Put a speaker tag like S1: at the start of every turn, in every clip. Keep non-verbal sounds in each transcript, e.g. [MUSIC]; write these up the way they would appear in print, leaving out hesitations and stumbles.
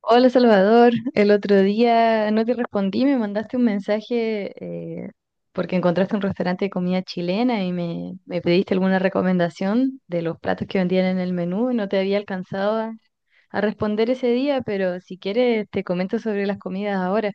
S1: Hola Salvador, el otro día no te respondí, me mandaste un mensaje eh, porque encontraste un restaurante de comida chilena y me pediste alguna recomendación de los platos que vendían en el menú. No te había alcanzado a responder ese día, pero si quieres te comento sobre las comidas ahora.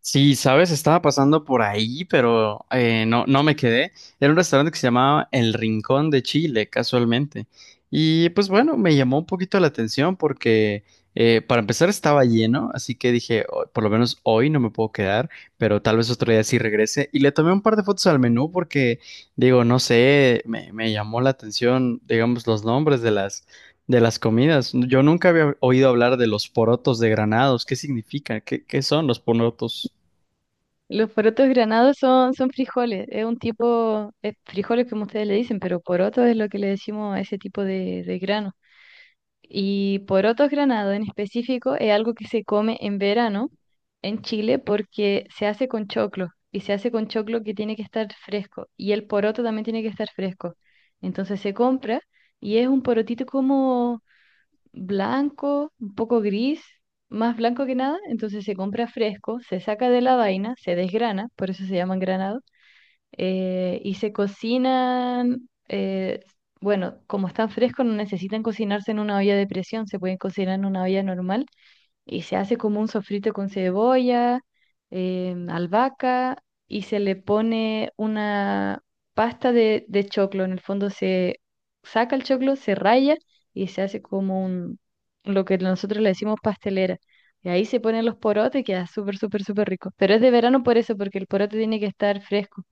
S2: Sí, sabes, estaba pasando por ahí, pero no, no me quedé. Era un restaurante que se llamaba El Rincón de Chile, casualmente. Y pues bueno, me llamó un poquito la atención porque para empezar estaba lleno, así que dije, "Oh, por lo menos hoy no me puedo quedar, pero tal vez otro día sí regrese". Y le tomé un par de fotos al menú porque, digo, no sé, me llamó la atención, digamos, los nombres de de las comidas. Yo nunca había oído hablar de los porotos de Granados. ¿Qué significan? ¿Qué son los porotos?
S1: Los porotos granados son frijoles, es un tipo, es frijoles como ustedes le dicen, pero poroto es lo que le decimos a ese tipo de grano. Y porotos granados en específico es algo que se come en verano en Chile porque se hace con choclo y se hace con choclo que tiene que estar fresco y el poroto también tiene que estar fresco. Entonces se compra y es un porotito como blanco, un poco gris, más blanco que nada. Entonces se compra fresco, se saca de la vaina, se desgrana, por eso se llaman granados. Y se cocinan, bueno, como están frescos no necesitan cocinarse en una olla de presión, se pueden cocinar en una olla normal y se hace como un sofrito con cebolla, albahaca y se le pone una pasta de choclo. En el fondo se saca el choclo, se raya y se hace como un, lo que nosotros le decimos pastelera. Y ahí se ponen los porotes y queda súper, súper, súper rico. Pero es de verano por eso, porque el porote tiene que estar fresco.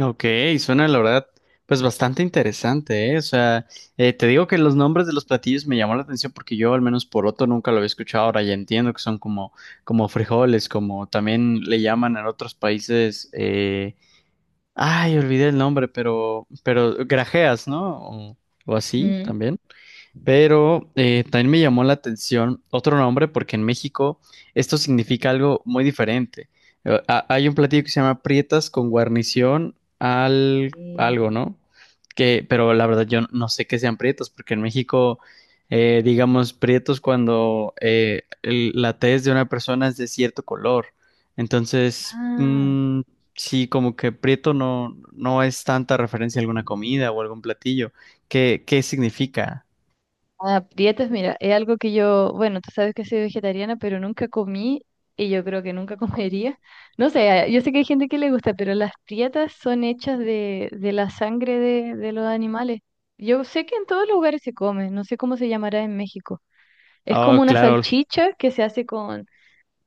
S2: Ok, suena la verdad, pues bastante interesante, ¿eh? O sea, te digo que los nombres de los platillos me llamó la atención porque yo al menos por otro nunca lo había escuchado, ahora ya entiendo que son como, como frijoles, como también le llaman en otros países, ay, olvidé el nombre, pero grajeas, ¿no? O, o así
S1: Ujú.
S2: también. Pero también me llamó la atención otro nombre porque en México esto significa algo muy diferente. Hay un platillo que se llama prietas con guarnición al algo,
S1: Sí.
S2: ¿no? Que, pero la verdad yo no sé qué sean prietos porque en México, digamos, prietos cuando la tez de una persona es de cierto color. Entonces,
S1: Ah,
S2: mm, sí, como que prieto no, no es tanta referencia a alguna comida o algún platillo. ¿Qué significa?
S1: aprietos, mira, es algo que yo, bueno, tú sabes que soy vegetariana, pero nunca comí y yo creo que nunca [LAUGHS] comería. No sé, ah, yo sé que hay gente que le gusta, pero las prietas son hechas de la sangre de los animales. Yo sé que en todos los lugares se come, no sé cómo se llamará en México. Es como
S2: Oh,
S1: una
S2: claro,
S1: salchicha que se hace con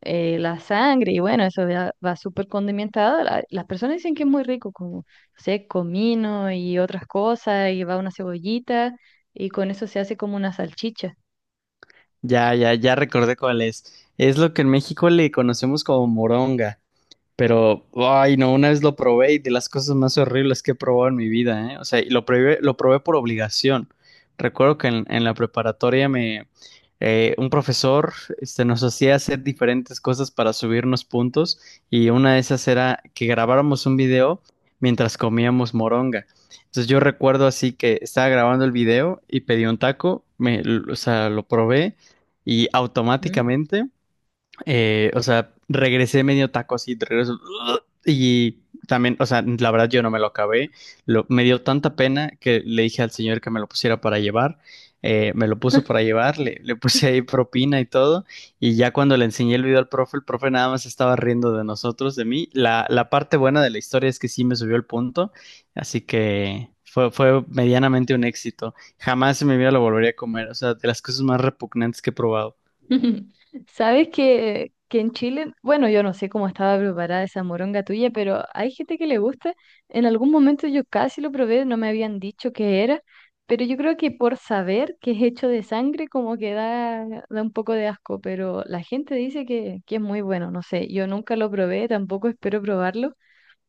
S1: la sangre y bueno, eso ya va súper condimentado. Las personas dicen que es muy rico, como, no sé, comino y otras cosas, y va una cebollita y con eso se hace como una salchicha.
S2: ya, ya, ya recordé cuál es. Es lo que en México le conocemos como moronga. Pero, ay, no, una vez lo probé y de las cosas más horribles que he probado en mi vida, ¿eh? O sea, y lo probé por obligación. Recuerdo que en la preparatoria me, un profesor, este, nos hacía hacer diferentes cosas para subirnos puntos y una de esas era que grabáramos un video mientras comíamos moronga. Entonces yo recuerdo así que estaba grabando el video y pedí un taco, me, o sea, lo probé y automáticamente o sea, regresé medio taco así, de regreso. [LAUGHS] Y también, o sea, la verdad yo no me lo acabé. Lo, me dio tanta pena que le dije al señor que me lo pusiera para llevar. Me lo puso para llevar, le puse ahí propina y todo. Y ya cuando le enseñé el video al profe, el profe nada más estaba riendo de nosotros, de mí. La parte buena de la historia es que sí me subió el punto. Así que fue, fue medianamente un éxito. Jamás en mi vida lo volvería a comer. O sea, de las cosas más repugnantes que he probado.
S1: [LAUGHS] Sabes que en Chile, bueno, yo no sé cómo estaba preparada esa moronga tuya, pero hay gente que le gusta. En algún momento yo casi lo probé, no me habían dicho qué era, pero yo creo que por saber que es hecho de sangre, como que da, da un poco de asco, pero la gente dice que es muy bueno, no sé, yo nunca lo probé, tampoco espero probarlo,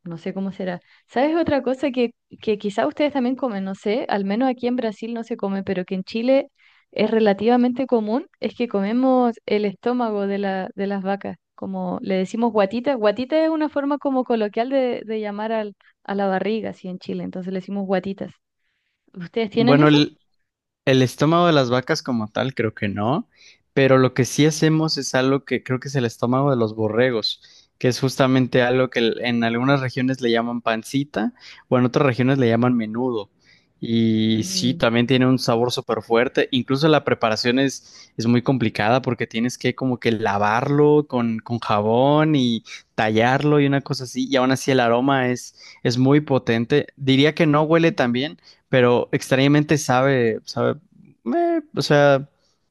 S1: no sé cómo será. ¿Sabes otra cosa que quizá ustedes también comen? No sé, al menos aquí en Brasil no se come, pero que en Chile es relativamente común, es que comemos el estómago de las vacas, como le decimos guatita. Guatita es una forma como coloquial de llamar a la barriga, así en Chile, entonces le decimos guatitas. ¿Ustedes tienen
S2: Bueno,
S1: eso?
S2: el estómago de las vacas como tal, creo que no, pero lo que sí hacemos es algo que creo que es el estómago de los borregos, que es justamente algo que en algunas regiones le llaman pancita o en otras regiones le llaman menudo. Y sí,
S1: Mm.
S2: también tiene un sabor súper fuerte. Incluso la preparación es muy complicada porque tienes que como que lavarlo con jabón y tallarlo y una cosa así. Y aún así el aroma es muy potente. Diría que no huele tan bien, pero extrañamente sabe, sabe, o sea,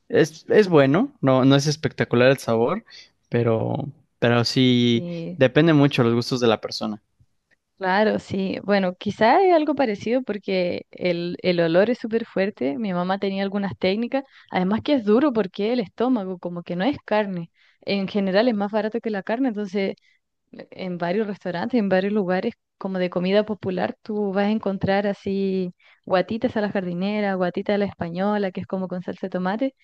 S2: es bueno, no, no es espectacular el sabor, pero, pero sí
S1: Sí.
S2: depende mucho de los gustos de la persona.
S1: Claro, sí. Bueno, quizá es algo parecido porque el olor es súper fuerte. Mi mamá tenía algunas técnicas. Además que es duro porque el estómago, como que no es carne. En general es más barato que la carne, entonces en varios restaurantes, en varios lugares como de comida popular, tú vas a encontrar así guatitas a la jardinera, guatita a la española, que es como con salsa de tomate.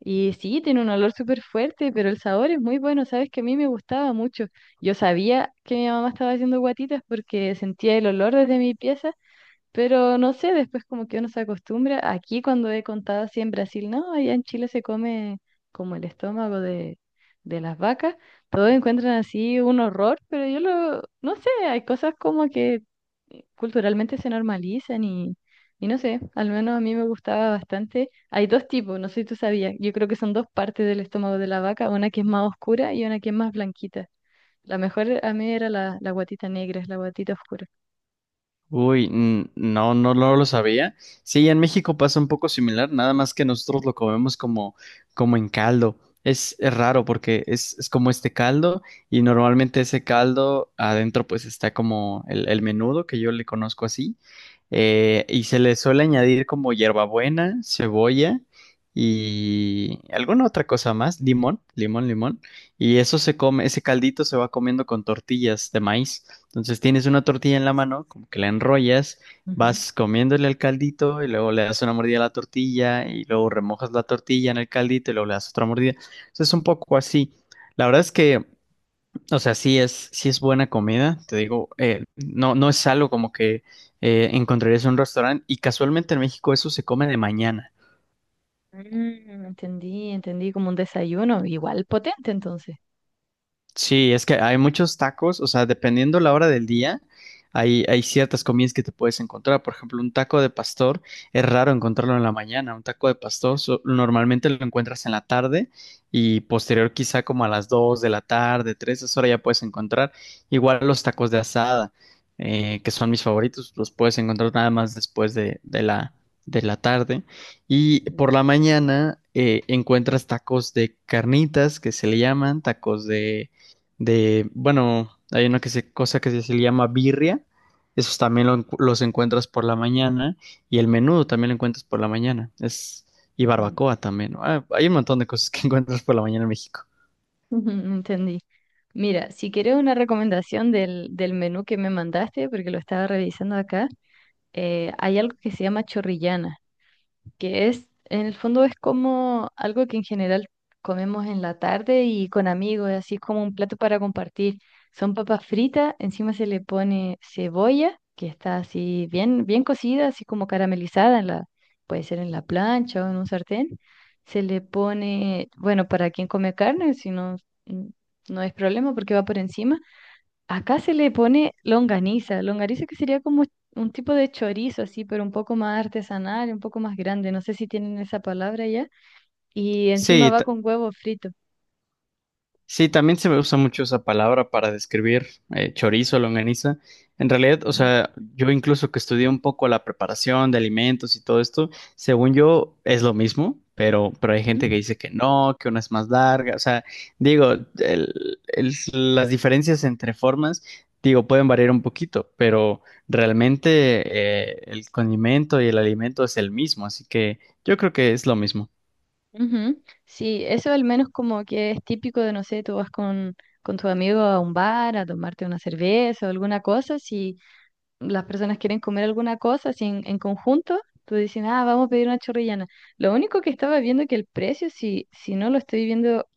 S1: Y sí, tiene un olor súper fuerte, pero el sabor es muy bueno. Sabes que a mí me gustaba mucho. Yo sabía que mi mamá estaba haciendo guatitas porque sentía el olor desde mi pieza, pero no sé, después como que uno se acostumbra. Aquí cuando he contado así en Brasil, no, allá en Chile se come como el estómago de las vacas. Todos encuentran así un horror, pero yo lo, no sé, hay cosas como que culturalmente se normalizan y no sé, al menos a mí me gustaba bastante. Hay dos tipos, no sé si tú sabías, yo creo que son dos partes del estómago de la vaca, una que es más oscura y una que es más blanquita. La mejor a mí era la guatita negra, es la guatita oscura.
S2: Uy, no, no, no lo sabía. Sí, en México pasa un poco similar, nada más que nosotros lo comemos como, como en caldo. Es raro porque es como este caldo y normalmente ese caldo adentro pues está como el menudo que yo le conozco así, y se le suele añadir como hierbabuena, cebolla y alguna otra cosa más, limón, limón, limón, y eso se come, ese caldito se va comiendo con tortillas de maíz. Entonces tienes una tortilla en la mano, como que la enrollas,
S1: Ujú.
S2: vas comiéndole al caldito y luego le das una mordida a la tortilla y luego remojas la tortilla en el caldito y luego le das otra mordida. Entonces es un poco así. La verdad es que, o sea, sí es buena comida, te digo, no, no es algo como que encontrarías en un restaurante y casualmente en México eso se come de mañana.
S1: Mm, entendí, entendí como un desayuno, igual potente entonces.
S2: Sí, es que hay muchos tacos, o sea, dependiendo la hora del día, hay ciertas comidas que te puedes encontrar. Por ejemplo, un taco de pastor es raro encontrarlo en la mañana. Un taco de pastor normalmente lo encuentras en la tarde y posterior quizá como a las 2 de la tarde, 3. Esa hora ya puedes encontrar. Igual los tacos de asada, que son mis favoritos, los puedes encontrar nada más después de, de la tarde. Y por la mañana encuentras tacos de carnitas, que se le llaman, tacos de, bueno, hay una que se, cosa se le llama birria, esos también los encuentras por la mañana, y el menudo también lo encuentras por la mañana, es, y barbacoa también, ¿no? Ah, hay un montón de cosas que [LAUGHS] encuentras por la mañana en México.
S1: [LAUGHS] Ujú, entendí. Mira, si quieres una recomendación del menú que me mandaste, porque lo estaba revisando acá, hay algo que se llama chorrillana, que es, en el fondo es como algo que en general comemos en la tarde y con amigos, así es como un plato para compartir. Son papas fritas, encima se le pone cebolla, que está así bien, bien cocida, así como caramelizada en la, puede ser en la plancha o en un sartén. Se le pone, bueno, para quien come carne, si no, mm, no es problema porque va por encima. Acá se le pone longaniza, longaniza que sería como un tipo de chorizo así, pero un poco más artesanal, un poco más grande, no sé si tienen esa palabra ya, y encima
S2: Sí,
S1: va con huevo frito.
S2: sí, también se me usa mucho esa palabra para describir chorizo, longaniza. En realidad, o
S1: Ujú.
S2: sea, yo incluso que estudié un poco la preparación de alimentos y todo esto, según yo es lo mismo, pero hay
S1: Ujú.
S2: gente que dice que no, que una es más larga. O sea, digo, el- el- las diferencias entre formas, digo, pueden variar un poquito, pero realmente el condimento y el alimento es el mismo, así que yo creo que es lo mismo.
S1: Ujú. Sí, eso al menos como que es típico de, no sé, tú vas con tu amigo a un bar a tomarte una cerveza o alguna cosa, si las personas quieren comer alguna cosa así en conjunto, tú dices, ah, vamos a pedir una chorrillana. Lo único que estaba viendo que el precio, si no lo estoy viendo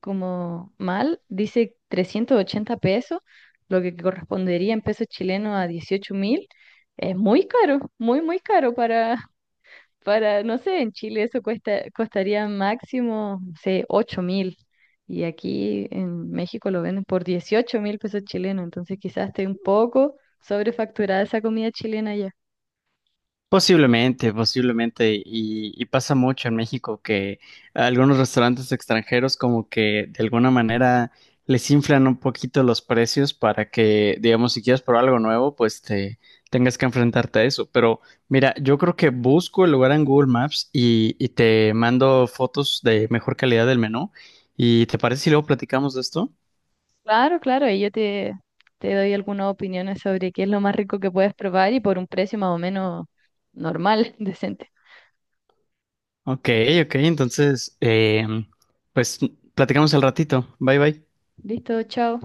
S1: como mal, dice 380 pesos, lo que correspondería en pesos chilenos a 18.000. Es muy caro, muy, muy caro para, no sé, en Chile eso cuesta, costaría máximo, no sé, 8.000. Y aquí en México lo venden por 18.000 pesos chilenos, entonces quizás esté un poco sobrefacturada esa comida chilena ya.
S2: Posiblemente, posiblemente, y pasa mucho en México que algunos restaurantes extranjeros como que de alguna manera les inflan un poquito los precios para que, digamos, si quieres probar algo nuevo, pues te tengas que enfrentarte a eso. Pero mira, yo creo que busco el lugar en Google Maps y te mando fotos de mejor calidad del menú. ¿Y te parece si luego platicamos de esto?
S1: Claro, claro, ahí yo te doy algunas opiniones sobre qué es lo más rico que puedes probar y por un precio más o menos normal, [LAUGHS] decente.
S2: Ok, ok, entonces, pues platicamos al ratito. Bye, bye.
S1: Listo, chao.